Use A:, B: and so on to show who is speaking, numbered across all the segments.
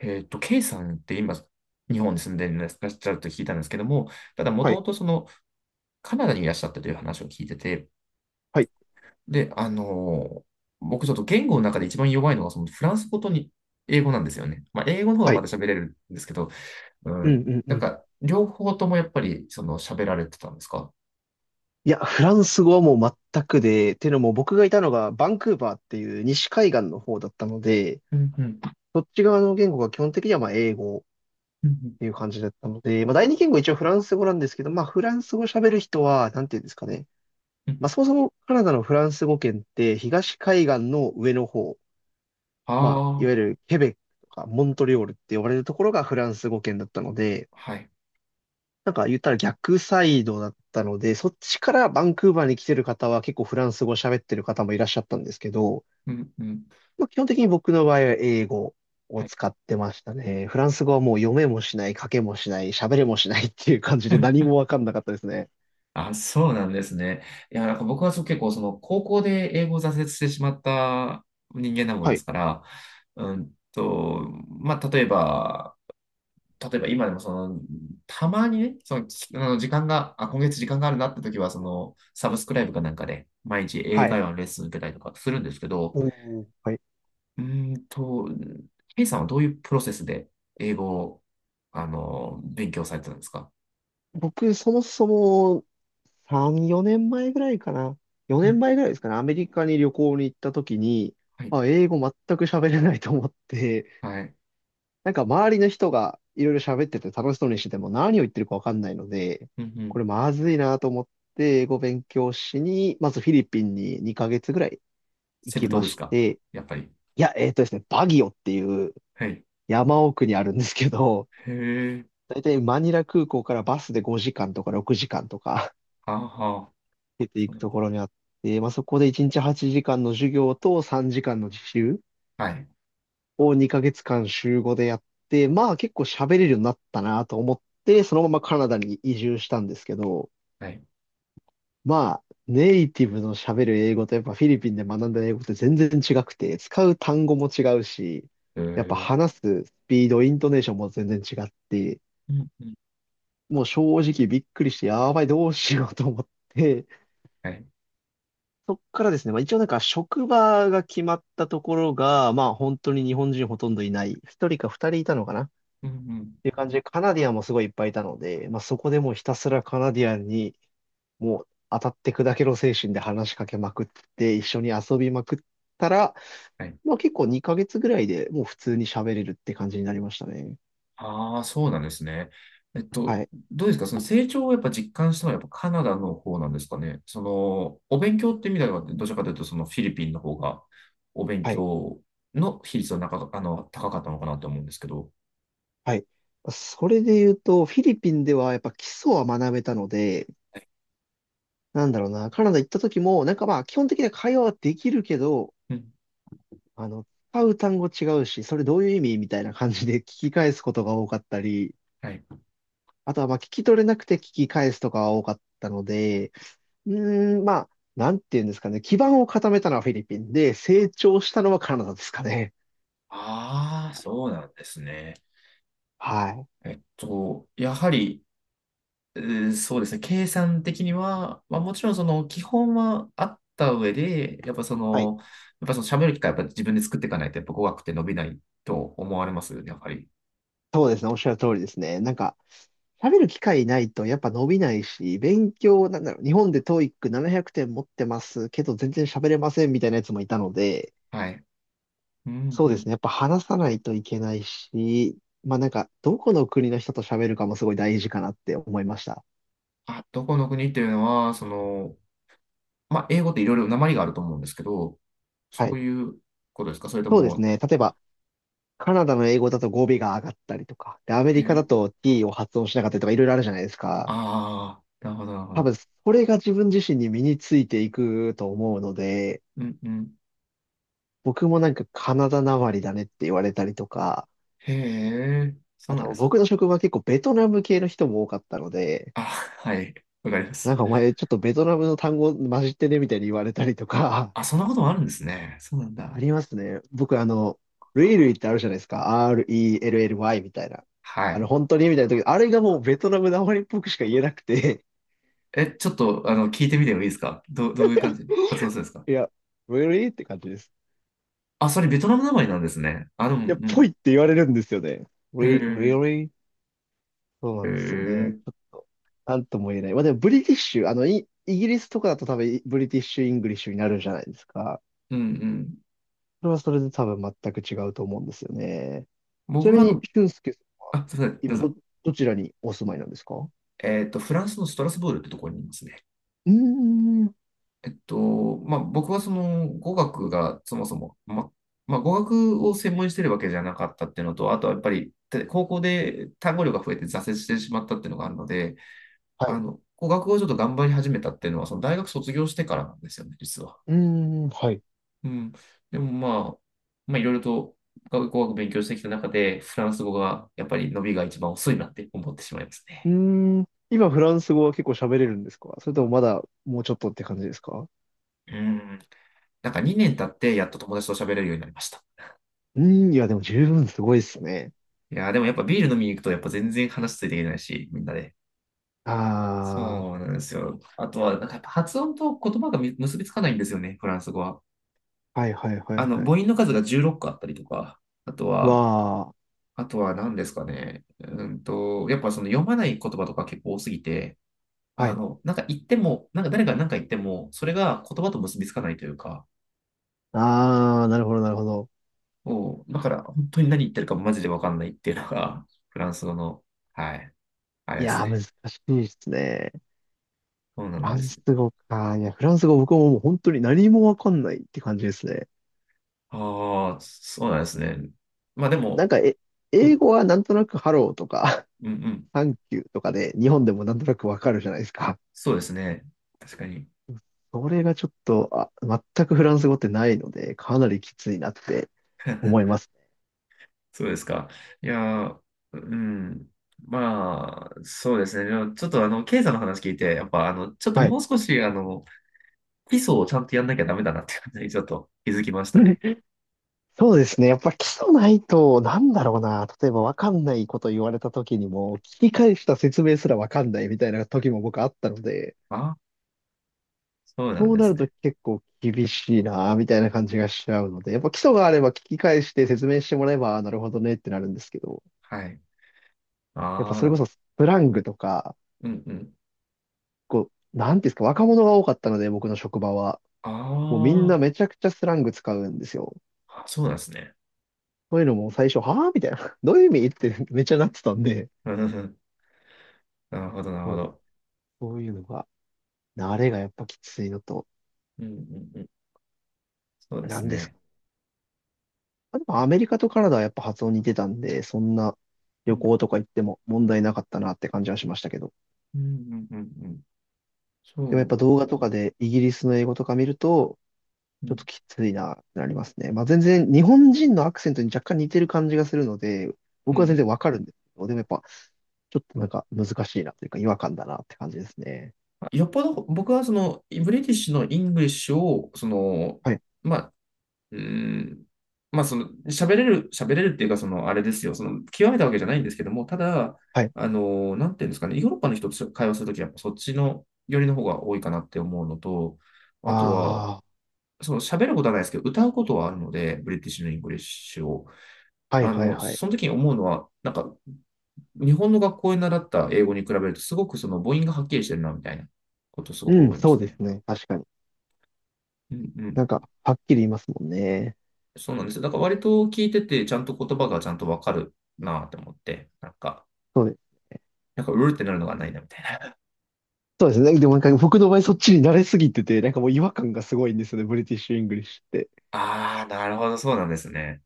A: K さんって今、日本に住んでいらっしゃると聞いたんですけども、ただ、も
B: は
A: と
B: い、
A: もとカナダにいらっしゃったという話を聞いてて、
B: はい、
A: で、僕ちょっと言語の中で一番弱いのは、フランス語とに英語なんですよね。まあ、英語の方が
B: は
A: ま
B: い。
A: だ喋れるんですけど、う
B: う
A: ん、
B: ん、うん、う
A: なん
B: ん。
A: か、両方ともやっぱり、喋られてたんですか？
B: いや、フランス語はもう全くで、っていうのも僕がいたのがバンクーバーっていう西海岸の方だったので、
A: うんうん。
B: そっち側の言語が基本的にはまあ英語っ
A: うんうん。
B: ていう感じだったので、まあ第二言語一応フランス語なんですけど、まあフランス語喋る人は、なんていうんですかね。
A: うんう
B: まあ
A: ん。
B: そもそもカナダのフランス語圏って東海岸の上の方、まあいわ
A: ああ、
B: ゆるケベックとかモントリオールって呼ばれるところがフランス語圏だったので、
A: はい。
B: なんか言ったら逆サイドだったので、そっちからバンクーバーに来てる方は結構フランス語喋ってる方もいらっしゃったんですけど、
A: うんうん。
B: まあ、基本的に僕の場合は英語を
A: はい。
B: 使ってましたね。フランス語はもう読めもしない、書けもしない、喋れもしないっていう感じで何もわかんなかったですね。
A: あ、そうなんですね。いや、なんか僕はそう結構高校で英語を挫折してしまった人間なもん
B: は
A: で
B: い。
A: すから、うんと、まあ、例えば、今でもたまにね、きあの時間が、あ、今月時間があるなって時は、サブスクライブかなんかで、毎日英
B: はい。
A: 会話のレッスン受けたりとかするんですけど、
B: うん。はい。
A: うんと、ケさんはどういうプロセスで英語を、勉強されてたんですか？
B: 僕、そもそも3、4年前ぐらいかな。
A: う
B: 4
A: ん、
B: 年前ぐらいですかね。アメリカに旅行に行った時に、
A: はい、
B: あ、英語全く喋れないと思って、
A: はい。
B: なんか周りの人がいろいろ喋ってて楽しそうにしてても何を言ってるかわかんないので、
A: うんう
B: こ
A: ん。
B: れまずいなと思って英語勉強しに、まずフィリピンに2ヶ月ぐらい行
A: セブ
B: き
A: 島
B: ま
A: です
B: し
A: か？
B: て、
A: やっぱり。
B: いや、えっとですね、バギオっていう
A: はい。
B: 山奥にあるんですけど、
A: へえ。
B: だいたいマニラ空港からバスで5時間とか6時間とか
A: ああ、はあ、
B: 出てい
A: そう
B: く
A: な
B: と
A: ん、
B: ころにあって、まあ、そこで1日8時間の授業と3時間の実習
A: はい。
B: を2ヶ月間週5でやって、まあ結構喋れるようになったなと思って、そのままカナダに移住したんですけど、
A: はい。
B: まあネイティブの喋る英語とやっぱフィリピンで学んだ英語って全然違くて、使う単語も違うし、
A: へえ。
B: やっぱ
A: う
B: 話すスピード、イントネーションも全然違って、
A: ん、うん。
B: もう正直びっくりして、やばい、どうしようと思って、
A: はい。
B: そっからですね、まあ一応なんか職場が決まったところが、まあ本当に日本人ほとんどいない、一人か二人いたのかな
A: うん、うん。
B: ていう感じで、カナディアンもすごいいっぱいいたので、まあ、そこでもうひたすらカナディアンに、もう当たって砕けろ精神で話しかけまくって、一緒に遊びまくったら、
A: はい。
B: まあ、結構2ヶ月ぐらいでもう普通に喋れるって感じになりましたね。
A: ああ、そうなんですね。えっと、
B: はい、
A: どうですか？その成長をやっぱ実感したのはやっぱカナダの方なんですかね。お勉強って意味では、どちらかというとそのフィリピンの方がお勉
B: はい、
A: 強の比率は高かったのかなと思うんですけど。
B: はい。それで言うと、フィリピンではやっぱ基礎は学べたので、
A: はい。
B: なんだろうな、カナダ行った時も、なんかまあ基本的な会話はできるけど、
A: うん。
B: あの、使う単語違うし、それどういう意味みたいな感じで聞き返すことが多かったり、
A: はい。
B: あとは、まあ、聞き取れなくて聞き返すとかは多かったので、うーん、まあ、なんていうんですかね。基盤を固めたのはフィリピンで、成長したのはカナダですかね。
A: ああ、そうなんですね。
B: はい。
A: やはり、そうですね、計算的には、まあ、もちろんその基本はあった上で、やっぱそ
B: はい。
A: の、やっぱその喋る機会やっぱ自分で作っていかないと、やっぱ語学って伸びないと思われますよね、やっぱり。
B: そうですね。おっしゃる通りですね。なんか、喋る機会ないとやっぱ伸びないし、勉強、なんだろう、日本で TOEIC 700点持ってますけど全然喋れませんみたいなやつもいたので、
A: はい。うん
B: そう
A: う
B: です
A: ん。
B: ね。やっぱ話さないといけないし、まあなんか、どこの国の人と喋るかもすごい大事かなって思いました。
A: あ、どこの国っていうのは、まあ、英語っていろいろ訛りがあると思うんですけど、そ
B: はい。
A: ういうことですか？それと
B: そうです
A: も、
B: ね。例え
A: あ、
B: ば、カナダの英語だと語尾が上がったりとか、で、アメ
A: へ
B: リカだ
A: え、
B: と t を発音しなかったりとかいろいろあるじゃないですか。
A: ああ、なるほど、なるほ
B: 多
A: ど。
B: 分、それが自分自身に身についていくと思うので、
A: うんうん。
B: 僕もなんかカナダなまりだねって言われたりとか、
A: へえ、そう
B: あ
A: なんで
B: と
A: すね。
B: 僕の職場は結構ベトナム系の人も多かったので、
A: あ、はい。わかります。
B: なんかお前ちょっとベトナムの単語混じってねみたいに言われたりとか、
A: あ、そんなこともあるんですね。そうなん だ。
B: ありますね。僕ルイルイってあるじゃないですか。RELLY みたいな。
A: は
B: あの、
A: い。
B: 本当にみたいな時、あれがもうベトナムなまりっぽくしか言えなくて
A: え、ちょっと、聞いてみてもいいですか？どういう感じ発音するんですか？
B: いや、really? って感じです。
A: あ、それベトナム名前なんですね。あ、でも、う
B: いや、ぽ
A: ん。
B: いって言われるんですよね。
A: へ
B: Re-
A: え、
B: really? そうな
A: へえ、
B: ん
A: う
B: ですよね。ち
A: ん
B: ょっと、なんとも言えない。まあでも、ブリティッシュ、イギリスとかだと多分、ブリティッシュ・イングリッシュになるじゃないですか。
A: うん。
B: それはそれで多分全く違うと思うんですよね。ちな
A: 僕は
B: みに、俊介さんは、
A: あ、すいません、どう
B: 今、
A: ぞ。
B: どちらにお住まいなんですか？う
A: フランスのストラスブールってところにいますね。
B: ーん。
A: まあ、僕は語学がそもそも、まあ、語学を専門にしてるわけじゃなかったっていうのと、あとはやっぱり、高校で単語量が増えて挫折してしまったっていうのがあるので、
B: はい。
A: 語学をちょっと頑張り始めたっていうのは、大学卒業してからなんですよね、実は。
B: うーん、はい。
A: うん。でもあ、まあ、いろいろと語学勉強してきた中で、フランス語がやっぱり伸びが一番遅いなって思ってしまいます
B: う
A: ね。
B: ーん。今、フランス語は結構喋れるんですか？それともまだ、もうちょっとって感じですか？
A: うん。なんか2年経ってやっと友達と喋れるようになりました。
B: うーん、いや、でも十分すごいですね。
A: いやー、でもやっぱビール飲みに行くとやっぱ全然話ついていけないし、みんなで。
B: あ
A: そうなんですよ。あとは、なんかやっぱ発音と言葉が結びつかないんですよね、フランス語は。
B: あ、はいはいはいは
A: 母
B: い。
A: 音の数が16個あったりとか、あと
B: わ
A: は、
B: あ、
A: あとは、何ですかね。やっぱ読まない言葉とか結構多すぎて、
B: はい。
A: なんか言っても、なんか誰が何か言っても、それが言葉と結びつかないというか、
B: ああ、なるほどなるほど。
A: もうだから本当に何言ってるかマジでわかんないっていうのが、フランス語の、はい、あれ
B: い
A: です
B: やー、難
A: ね。
B: しいですね。
A: そうな
B: フ
A: ん
B: ラン
A: です
B: ス
A: ね。
B: 語か。いや、フランス語僕はもう本当に何もわかんないって感じですね。
A: ああ、そうなんですね。まあで
B: なん
A: も、
B: か、
A: う
B: 英
A: ん、
B: 語はなんとなくハローとか、
A: うん、うん。
B: サンキューとかで、日本でもなんとなくわかるじゃないですか。
A: そうですね。確かに。
B: それがちょっと、あ、全くフランス語ってないので、かなりきついなって思いますね。
A: そうですか。いやー、うん。まあ、そうですね。でもちょっとケイさんの話聞いて、やっぱちょっと
B: はい。
A: もう少し基礎をちゃんとやんなきゃダメだなっていう感じにちょっと気づきましたね。
B: そうですね。やっぱ基礎ないと、なんだろうな。例えば分かんないこと言われた時にも、聞き返した説明すら分かんないみたいな時も僕あったので、
A: ああ、そうなん
B: そう
A: で
B: な
A: す
B: ると
A: ね。
B: 結構厳しいな、みたいな感じがしちゃうので、やっぱ基礎があれば聞き返して説明してもらえば、あなるほどねってなるんですけど、
A: はい。
B: やっぱそ
A: あ
B: れこ
A: あ、
B: そスラングとか、
A: うんうん。
B: こう、なんていうんですか、若者が多かったので、僕の職場は。
A: あ
B: もうみんな
A: ー
B: めちゃくちゃスラング使うんですよ。
A: あ、そうなんですね。
B: そういうのも最初、はぁみたいな。どういう意味ってめっちゃなってたんで、
A: うんうん。 なるほど、なるほ
B: そうです
A: ど。
B: そういうのが慣れがやっぱきついのと、
A: うんうんうん。そうで
B: な
A: す
B: んです
A: ね。
B: か。あでもアメリカとカナダはやっぱ発音似てたんで、そんな
A: う
B: 旅
A: ん、
B: 行とか行っても問題なかったなって感じはしましたけど。
A: うん、うん、うんうん。
B: でもやっ
A: そ
B: ぱ
A: う。
B: 動画とかでイギリスの英語とか見ると、
A: う
B: ちょっ
A: ん、
B: ときついなってなりますね。まあ全然日本人のアクセントに若干似てる感じがするので、
A: う
B: 僕は全然
A: ん。
B: わかるんですけど、でもやっぱちょっとなんか難しいなというか違和感だなって感じですね。
A: よっぽど僕はブリティッシュのイングリッシュを
B: はい。
A: まうーん。まあ、喋れるっていうか、あれですよ、極めたわけじゃないんですけども、ただ、
B: はい。
A: なんていうんですかね、ヨーロッパの人と会話するときは、やっぱそっちの寄りの方が多いかなって思うのと、あとは、
B: ああ。
A: 喋ることはないですけど、歌うことはあるので、ブリティッシュのイングリッシュを。
B: はいはいはい。
A: その時に思うのは、なんか、日本の学校で習った英語に比べると、すごくその母音がはっきりしてるな、みたいなことをすごく
B: うん、
A: 思いま
B: そう
A: す
B: で
A: ね。
B: すね。確かに。
A: うん
B: なん
A: うん。
B: か、はっきり言いますもんね。
A: そうなんですよ。だから割と聞いてて、ちゃんと言葉がちゃんとわかるなって思って、なんか、
B: そうですね。
A: なんか、うるってなるのがないな、みたいな。
B: そうですね。でもなんか僕の場合そっちに慣れすぎてて、なんかもう違和感がすごいんですよね、ブリティッシュ・イングリッシュって。
A: ああ、なるほど、そうなんですね。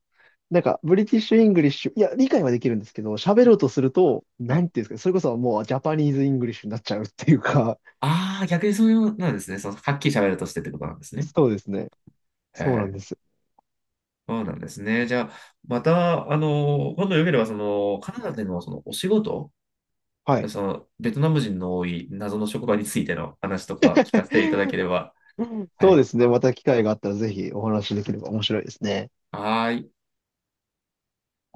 B: なんか、ブリティッシュ・イングリッシュ、いや、理解はできるんですけど、喋ろうとすると、
A: は
B: な
A: い。
B: んていうんですかね、それこそもうジャパニーズ・イングリッシュになっちゃうっていうか、
A: ああ、逆にそういうなんですね。はっきり喋るとしてってことなんですね。
B: そうですね。
A: は
B: そうなんで
A: え、
B: す。
A: そうなんですね。じゃあ、また、今度よければ、カナダでのそのお仕事、
B: はい。
A: ベトナム人の多い謎の職場についての話とか聞かせていただけ れば。は
B: そうで
A: い。
B: すね。また機会があったらぜひお話しできれば面白いですね。
A: はーい。